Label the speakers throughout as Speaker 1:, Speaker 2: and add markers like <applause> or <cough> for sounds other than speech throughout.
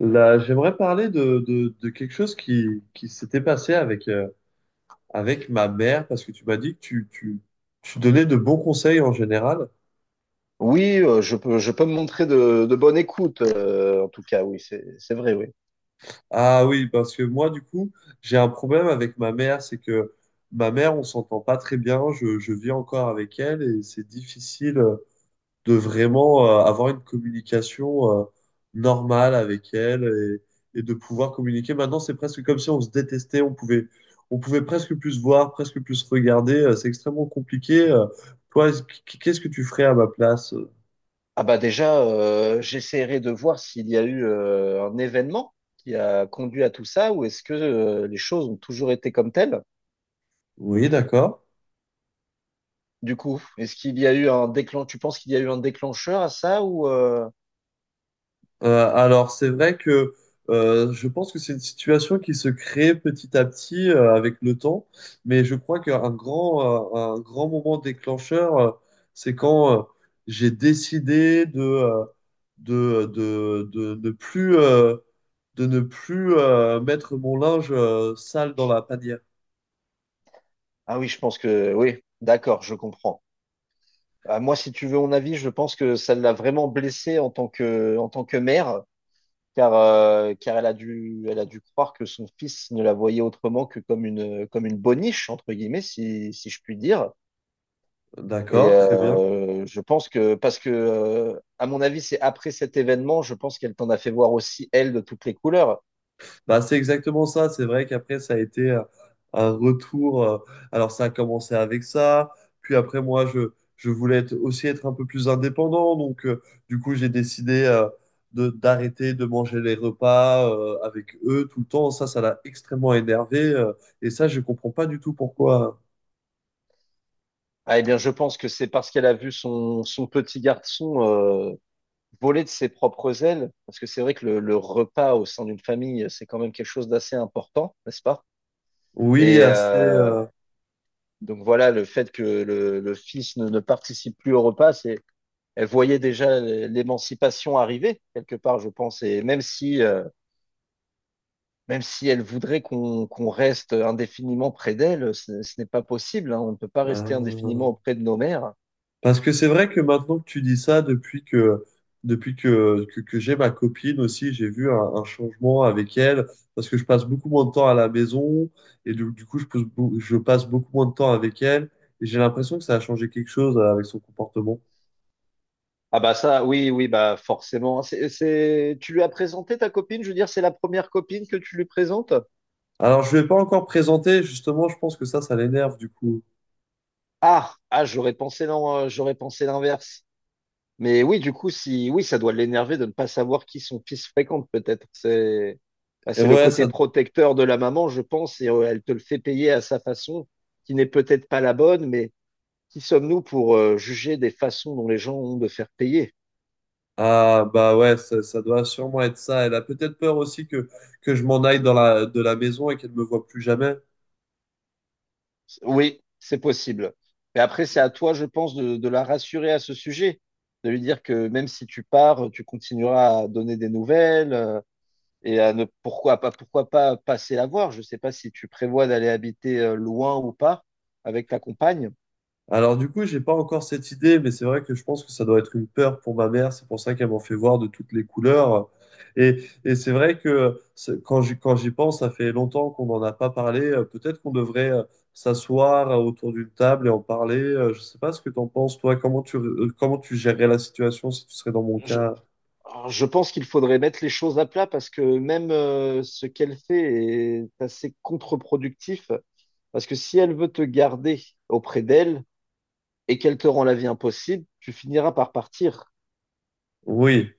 Speaker 1: Là, j'aimerais parler de quelque chose qui s'était passé avec, avec ma mère, parce que tu m'as dit que tu donnais de bons conseils en général.
Speaker 2: Oui, je peux me montrer de bonne écoute, en tout cas, oui, c'est vrai, oui.
Speaker 1: Ah oui, parce que moi, du coup, j'ai un problème avec ma mère, c'est que ma mère, on s'entend pas très bien, je vis encore avec elle et c'est difficile, de vraiment avoir une communication normale avec elle et de pouvoir communiquer. Maintenant, c'est presque comme si on se détestait, on pouvait presque plus se voir, presque plus se regarder. C'est extrêmement compliqué. Toi, qu'est-ce que tu ferais à ma place?
Speaker 2: Ah bah déjà, j'essaierai de voir s'il y a eu un événement qui a conduit à tout ça, ou est-ce que les choses ont toujours été comme telles?
Speaker 1: Oui, d'accord.
Speaker 2: Du coup, est-ce qu'il y a eu un déclencheur? Tu penses qu'il y a eu un déclencheur à ça ou...
Speaker 1: Alors, c'est vrai que je pense que c'est une situation qui se crée petit à petit avec le temps, mais je crois qu'un grand, un grand moment déclencheur, c'est quand j'ai décidé ne plus, de ne plus mettre mon linge sale dans la panière.
Speaker 2: Ah oui, je pense que oui, d'accord, je comprends. Ah, moi, si tu veux mon avis, je pense que ça l'a vraiment blessé en tant que mère, car, car elle a dû croire que son fils ne la voyait autrement que comme une boniche, entre guillemets, si je puis dire. Et
Speaker 1: D'accord, très bien.
Speaker 2: je pense que, parce que, à mon avis, c'est après cet événement, je pense qu'elle t'en a fait voir aussi, elle, de toutes les couleurs.
Speaker 1: Bah, c'est exactement ça. C'est vrai qu'après, ça a été un retour. Alors, ça a commencé avec ça. Puis après, je voulais aussi être un peu plus indépendant. Donc, du coup, j'ai décidé de, d'arrêter de manger les repas avec eux tout le temps. Ça l'a extrêmement énervé, et ça, je comprends pas du tout pourquoi.
Speaker 2: Ah, eh bien, je pense que c'est parce qu'elle a vu son petit garçon voler de ses propres ailes, parce que c'est vrai que le repas au sein d'une famille, c'est quand même quelque chose d'assez important, n'est-ce pas?
Speaker 1: Oui,
Speaker 2: Et,
Speaker 1: assez.
Speaker 2: donc voilà, le fait que le fils ne participe plus au repas, c'est, elle voyait déjà l'émancipation arriver, quelque part, je pense. Et même si elle voudrait qu'on reste indéfiniment près d'elle, ce n'est pas possible, hein. On ne peut pas rester
Speaker 1: Euh,
Speaker 2: indéfiniment auprès de nos mères.
Speaker 1: Parce que c'est vrai que maintenant que tu dis ça, que j'ai ma copine aussi, j'ai vu un changement avec elle, parce que je passe beaucoup moins de temps à la maison, et du coup, je passe beaucoup moins de temps avec elle, et j'ai l'impression que ça a changé quelque chose avec son comportement.
Speaker 2: Ah bah ça, oui, oui, bah forcément. C'est- Tu lui as présenté ta copine? Je veux dire, c'est la première copine que tu lui présentes?
Speaker 1: Alors, je ne vais pas encore présenter, justement, je pense que ça l'énerve, du coup.
Speaker 2: Ah, ah, j'aurais pensé non, j'aurais pensé l'inverse. Mais oui, du coup, si oui, ça doit l'énerver de ne pas savoir qui son fils fréquente, peut-être. C'est bah,
Speaker 1: Et
Speaker 2: c'est le
Speaker 1: ouais,
Speaker 2: côté
Speaker 1: ça,
Speaker 2: protecteur de la maman, je pense, et elle te le fait payer à sa façon, qui n'est peut-être pas la bonne, mais qui sommes-nous pour juger des façons dont les gens ont de faire payer?
Speaker 1: ah, bah ouais, ça doit sûrement être ça. Elle a peut-être peur aussi que je m'en aille dans de la maison et qu'elle ne me voit plus jamais.
Speaker 2: Oui, c'est possible. Mais après, c'est à toi, je pense, de la rassurer à ce sujet, de lui dire que même si tu pars, tu continueras à donner des nouvelles, et à ne pourquoi pas passer la voir. Je ne sais pas si tu prévois d'aller habiter loin ou pas avec ta compagne.
Speaker 1: Alors du coup, j'ai pas encore cette idée, mais c'est vrai que je pense que ça doit être une peur pour ma mère. C'est pour ça qu'elle m'en fait voir de toutes les couleurs. Et c'est vrai que quand quand j'y pense, ça fait longtemps qu'on n'en a pas parlé. Peut-être qu'on devrait s'asseoir autour d'une table et en parler. Je sais pas ce que t'en penses, toi. Comment comment tu gérerais la situation si tu serais dans mon
Speaker 2: Je,
Speaker 1: cas?
Speaker 2: je pense qu'il faudrait mettre les choses à plat parce que même ce qu'elle fait est assez contre-productif. Parce que si elle veut te garder auprès d'elle et qu'elle te rend la vie impossible, tu finiras par partir.
Speaker 1: Oui,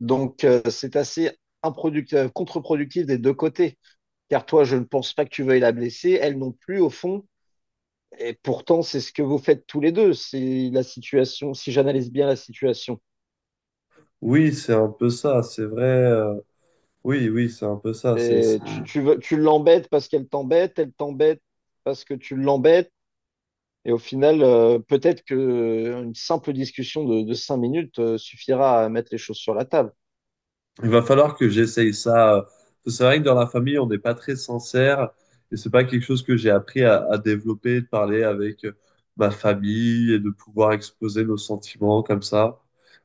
Speaker 2: Donc c'est assez contre-productif des deux côtés. Car toi, je ne pense pas que tu veuilles la blesser. Elle non plus, au fond. Et pourtant, c'est ce que vous faites tous les deux. C'est la situation, si j'analyse bien la situation.
Speaker 1: oui, c'est un peu ça. C'est vrai. Oui, oui, c'est un peu ça.
Speaker 2: Et veux- tu l'embêtes parce qu'elle t'embête, elle t'embête parce que tu l'embêtes. Et au final, peut-être que une simple discussion de 5 minutes suffira à mettre les choses sur la table.
Speaker 1: Il va falloir que j'essaye ça. C'est vrai que dans la famille, on n'est pas très sincère et c'est pas quelque chose que j'ai appris à développer, de parler avec ma famille et de pouvoir exposer nos sentiments comme ça.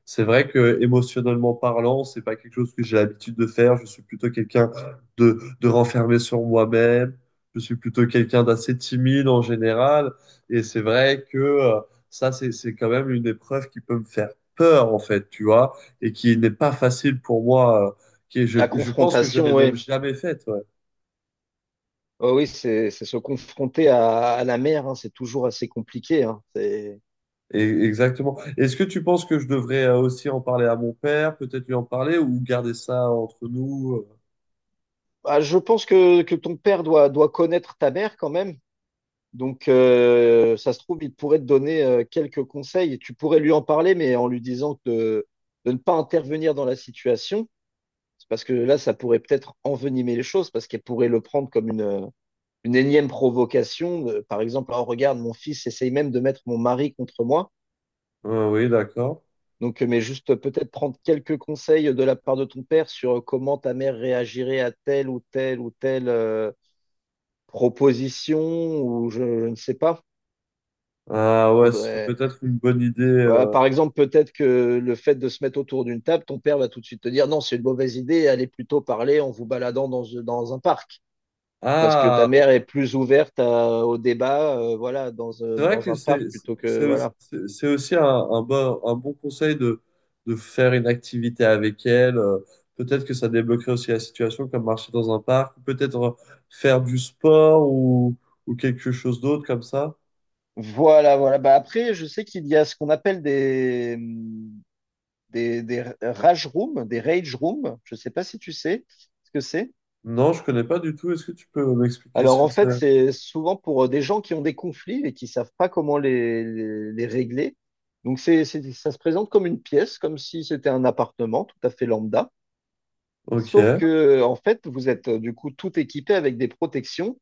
Speaker 1: C'est vrai que émotionnellement parlant, c'est pas quelque chose que j'ai l'habitude de faire. Je suis plutôt quelqu'un de renfermé sur moi-même. Je suis plutôt quelqu'un d'assez timide en général. Et c'est vrai que c'est quand même une épreuve qui peut me faire peur, en fait, tu vois et qui n'est pas facile pour moi,
Speaker 2: La
Speaker 1: je pense que je l'ai
Speaker 2: confrontation,
Speaker 1: même
Speaker 2: oui.
Speaker 1: jamais faite. Ouais.
Speaker 2: Oh oui, c'est se confronter à la mer, hein. C'est toujours assez compliqué, hein. C'est-
Speaker 1: Et, exactement. Est-ce que tu penses que je devrais aussi en parler à mon père, peut-être lui en parler ou garder ça entre nous?
Speaker 2: Bah, je pense que ton père doit connaître ta mère quand même. Donc, ça se trouve, il pourrait te donner quelques conseils et tu pourrais lui en parler, mais en lui disant de ne pas intervenir dans la situation. C'est parce que là, ça pourrait peut-être envenimer les choses, parce qu'elle pourrait le prendre comme une énième provocation, par exemple, oh, regarde, mon fils essaye même de mettre mon mari contre moi.
Speaker 1: Ah oui, d'accord.
Speaker 2: Donc, mais juste peut-être prendre quelques conseils de la part de ton père sur comment ta mère réagirait à telle ou telle proposition, ou je ne sais pas.
Speaker 1: Ah ouais, ce serait
Speaker 2: Faudrait-
Speaker 1: peut-être une bonne idée.
Speaker 2: Voilà, par exemple, peut-être que le fait de se mettre autour d'une table, ton père va tout de suite te dire non, c'est une mauvaise idée, allez plutôt parler en vous baladant dans un parc. Parce que ta
Speaker 1: Ah.
Speaker 2: mère est plus ouverte à- au débat, voilà, dans,
Speaker 1: C'est vrai
Speaker 2: dans
Speaker 1: que
Speaker 2: un parc plutôt que, voilà.
Speaker 1: c'est aussi un bon conseil de faire une activité avec elle. Peut-être que ça débloquerait aussi la situation, comme marcher dans un parc, ou peut-être faire du sport ou quelque chose d'autre comme ça.
Speaker 2: Voilà. Bah après, je sais qu'il y a ce qu'on appelle des rage rooms, des rage rooms. Je sais pas si tu sais ce que c'est.
Speaker 1: Non, je connais pas du tout. Est-ce que tu peux m'expliquer ce
Speaker 2: Alors en
Speaker 1: que
Speaker 2: fait,
Speaker 1: c'est?
Speaker 2: c'est souvent pour des gens qui ont des conflits et qui savent pas comment les régler. Donc c'est- ça se présente comme une pièce, comme si c'était un appartement tout à fait lambda.
Speaker 1: Ok.
Speaker 2: Sauf que en fait, vous êtes du coup tout équipé avec des protections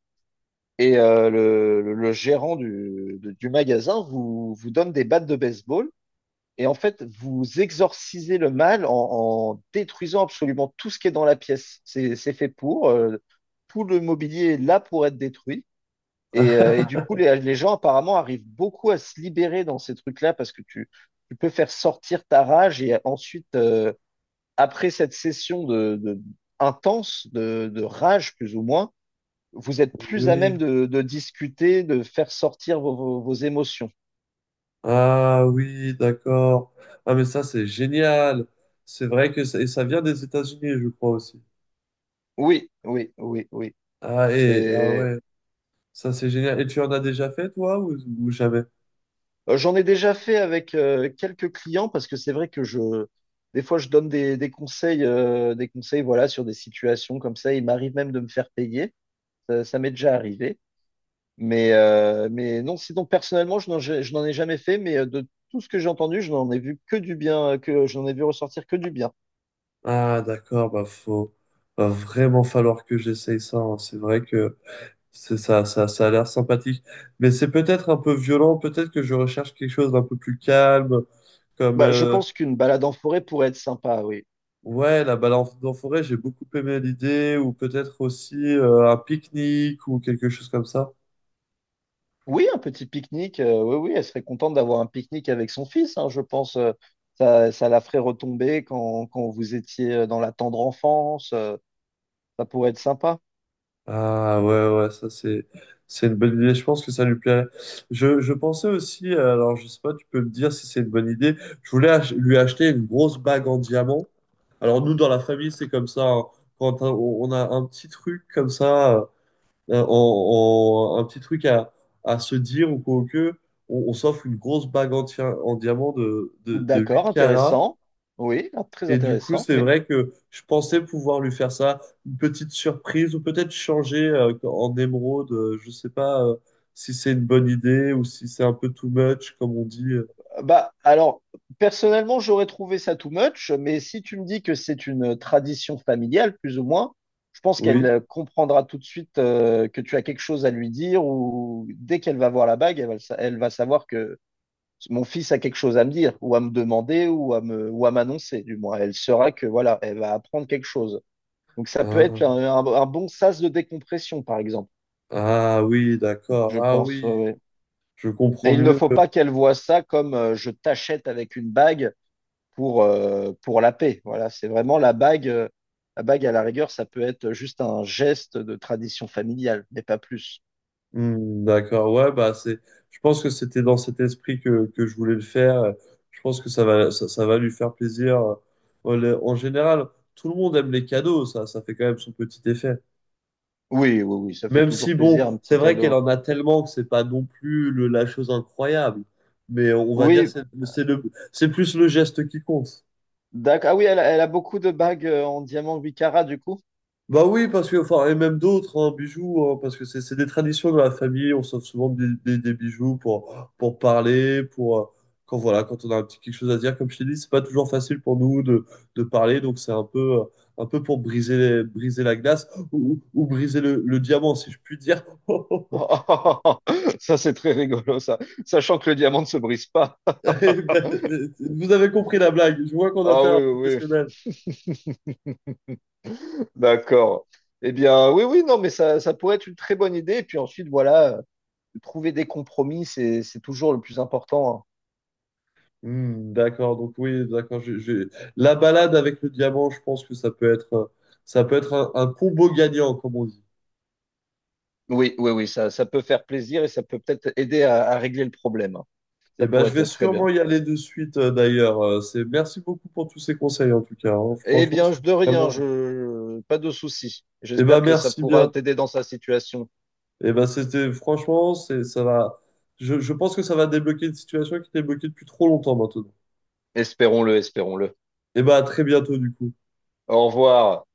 Speaker 2: et le gérant du magasin vous donne des battes de baseball. Et en fait, vous exorcisez le mal en détruisant absolument tout ce qui est dans la pièce. C'est fait pour, tout le mobilier est là pour être détruit. Et du coup,
Speaker 1: <laughs>
Speaker 2: les gens apparemment arrivent beaucoup à se libérer dans ces trucs-là parce que tu peux faire sortir ta rage et ensuite, après cette session intense de rage plus ou moins, vous êtes plus à
Speaker 1: Oui.
Speaker 2: même de discuter, de faire sortir vos émotions.
Speaker 1: Ah oui, d'accord. Ah mais ça c'est génial. C'est vrai que ça, et ça vient des États-Unis, je crois aussi.
Speaker 2: Oui, oui, oui, oui.
Speaker 1: Ah et ah
Speaker 2: C'est,
Speaker 1: ouais. Ça, c'est génial. Et tu en as déjà fait, toi, ou jamais?
Speaker 2: euh, j'en ai déjà fait avec quelques clients parce que c'est vrai que des fois, je donne des conseils, voilà, sur des situations comme ça. Il m'arrive même de me faire payer. Ça m'est déjà arrivé. Mais non, sinon, personnellement, je n'en ai jamais fait, mais de tout ce que j'ai entendu, je n'en ai vu que du bien, que je n'en ai vu ressortir que du bien.
Speaker 1: Ah, d'accord, bah, va vraiment falloir que j'essaye ça, hein. C'est vrai que ça a l'air sympathique. Mais c'est peut-être un peu violent. Peut-être que je recherche quelque chose d'un peu plus calme, comme,
Speaker 2: Bah, je pense qu'une balade en forêt pourrait être sympa, oui.
Speaker 1: ouais, la balade en en forêt, j'ai beaucoup aimé l'idée, ou peut-être aussi, un pique-nique ou quelque chose comme ça.
Speaker 2: Oui, un petit pique-nique, oui, oui, elle serait contente d'avoir un pique-nique avec son fils, hein, je pense. Ça, ça la ferait retomber quand, quand vous étiez dans la tendre enfance, ça pourrait être sympa.
Speaker 1: Ah ouais, ouais, ça c'est une bonne idée. Je pense que ça lui plairait. Je pensais aussi, alors je sais pas, tu peux me dire si c'est une bonne idée. Je voulais lui acheter une grosse bague en diamant. Alors nous, dans la famille, c'est comme ça, hein. On a un petit truc comme ça, un petit truc à se dire ou quoi que, on s'offre une grosse bague en, en diamant de 8
Speaker 2: D'accord,
Speaker 1: carats.
Speaker 2: intéressant. Oui, ah, très
Speaker 1: Et du coup,
Speaker 2: intéressant,
Speaker 1: c'est
Speaker 2: oui.
Speaker 1: vrai que je pensais pouvoir lui faire ça, une petite surprise, ou peut-être changer en émeraude. Je sais pas si c'est une bonne idée ou si c'est un peu too much, comme on dit.
Speaker 2: Bah, alors, personnellement, j'aurais trouvé ça too much, mais si tu me dis que c'est une tradition familiale, plus ou moins, je pense qu'elle
Speaker 1: Oui.
Speaker 2: comprendra tout de suite que tu as quelque chose à lui dire, ou dès qu'elle va voir la bague, elle va, elle va savoir que mon fils a quelque chose à me dire, ou à me demander, ou à me, ou à m'annoncer, du moins. Elle saura que, voilà, elle va apprendre quelque chose. Donc, ça peut être
Speaker 1: Ah,
Speaker 2: un bon sas de décompression, par exemple,
Speaker 1: ah oui,
Speaker 2: je
Speaker 1: d'accord. Ah
Speaker 2: pense. Ouais,
Speaker 1: oui,
Speaker 2: ouais.
Speaker 1: je comprends
Speaker 2: Mais il ne
Speaker 1: mieux.
Speaker 2: faut pas qu'elle voie ça comme je t'achète avec une bague pour la paix. Voilà, c'est vraiment la bague, la bague, à la rigueur, ça peut être juste un geste de tradition familiale, mais pas plus.
Speaker 1: Hmm, d'accord. Ouais, bah c'est. Je pense que c'était dans cet esprit que je voulais le faire. Je pense que ça va lui faire plaisir. Voilà. En général, tout le monde aime les cadeaux. Ça fait quand même son petit effet.
Speaker 2: Oui, oui, oui, ça fait
Speaker 1: Même si,
Speaker 2: toujours
Speaker 1: bon,
Speaker 2: plaisir, un
Speaker 1: c'est
Speaker 2: petit
Speaker 1: vrai qu'elle
Speaker 2: cadeau.
Speaker 1: en a tellement que c'est pas non plus la chose incroyable. Mais on va dire
Speaker 2: Oui,
Speaker 1: c'est plus le geste qui compte.
Speaker 2: d'accord. Ah oui, elle a beaucoup de bagues en diamant 8 carats, du coup.
Speaker 1: Bah oui, parce que, enfin, et même d'autres, hein, bijoux, hein, parce que c'est des traditions de la famille, on s'offre souvent des bijoux pour parler, pour, quand voilà, quand on a un petit quelque chose à dire, comme je t'ai dit, c'est pas toujours facile pour nous de parler, donc c'est un peu pour briser, briser la glace ou briser le diamant, si je puis dire. <laughs>
Speaker 2: <laughs> Ça, c'est très rigolo, ça. Sachant que le diamant ne se brise pas.
Speaker 1: <laughs> Eh ben, vous avez compris la blague. Je vois qu'on a
Speaker 2: Ah
Speaker 1: fait un
Speaker 2: oui, oui,
Speaker 1: professionnel.
Speaker 2: oui. <laughs> D'accord. Eh bien, oui, oui, non, mais ça pourrait être une très bonne idée. Et puis ensuite, voilà, trouver des compromis, c'est toujours le plus important, hein.
Speaker 1: Hmm, d'accord, donc oui, d'accord. La balade avec le diamant, je pense que ça peut être un combo gagnant, comme on dit.
Speaker 2: Oui, oui, oui, ça peut faire plaisir et ça peut peut-être aider à régler le problème.
Speaker 1: Et
Speaker 2: Ça
Speaker 1: ben,
Speaker 2: pourrait
Speaker 1: je vais
Speaker 2: être très
Speaker 1: sûrement
Speaker 2: bien.
Speaker 1: y aller de suite, d'ailleurs. C'est, merci beaucoup pour tous ces conseils, en tout cas, hein.
Speaker 2: Eh
Speaker 1: Franchement,
Speaker 2: bien,
Speaker 1: c'est
Speaker 2: de rien,
Speaker 1: vraiment.
Speaker 2: pas de souci.
Speaker 1: Et ben,
Speaker 2: J'espère que ça
Speaker 1: merci
Speaker 2: pourra
Speaker 1: bien.
Speaker 2: t'aider dans sa situation.
Speaker 1: Et ben, c'était, franchement, c'est, ça va. Je pense que ça va débloquer une situation qui était bloquée depuis trop longtemps maintenant.
Speaker 2: Espérons-le, espérons-le.
Speaker 1: Et ben, à très bientôt, du coup.
Speaker 2: Au revoir.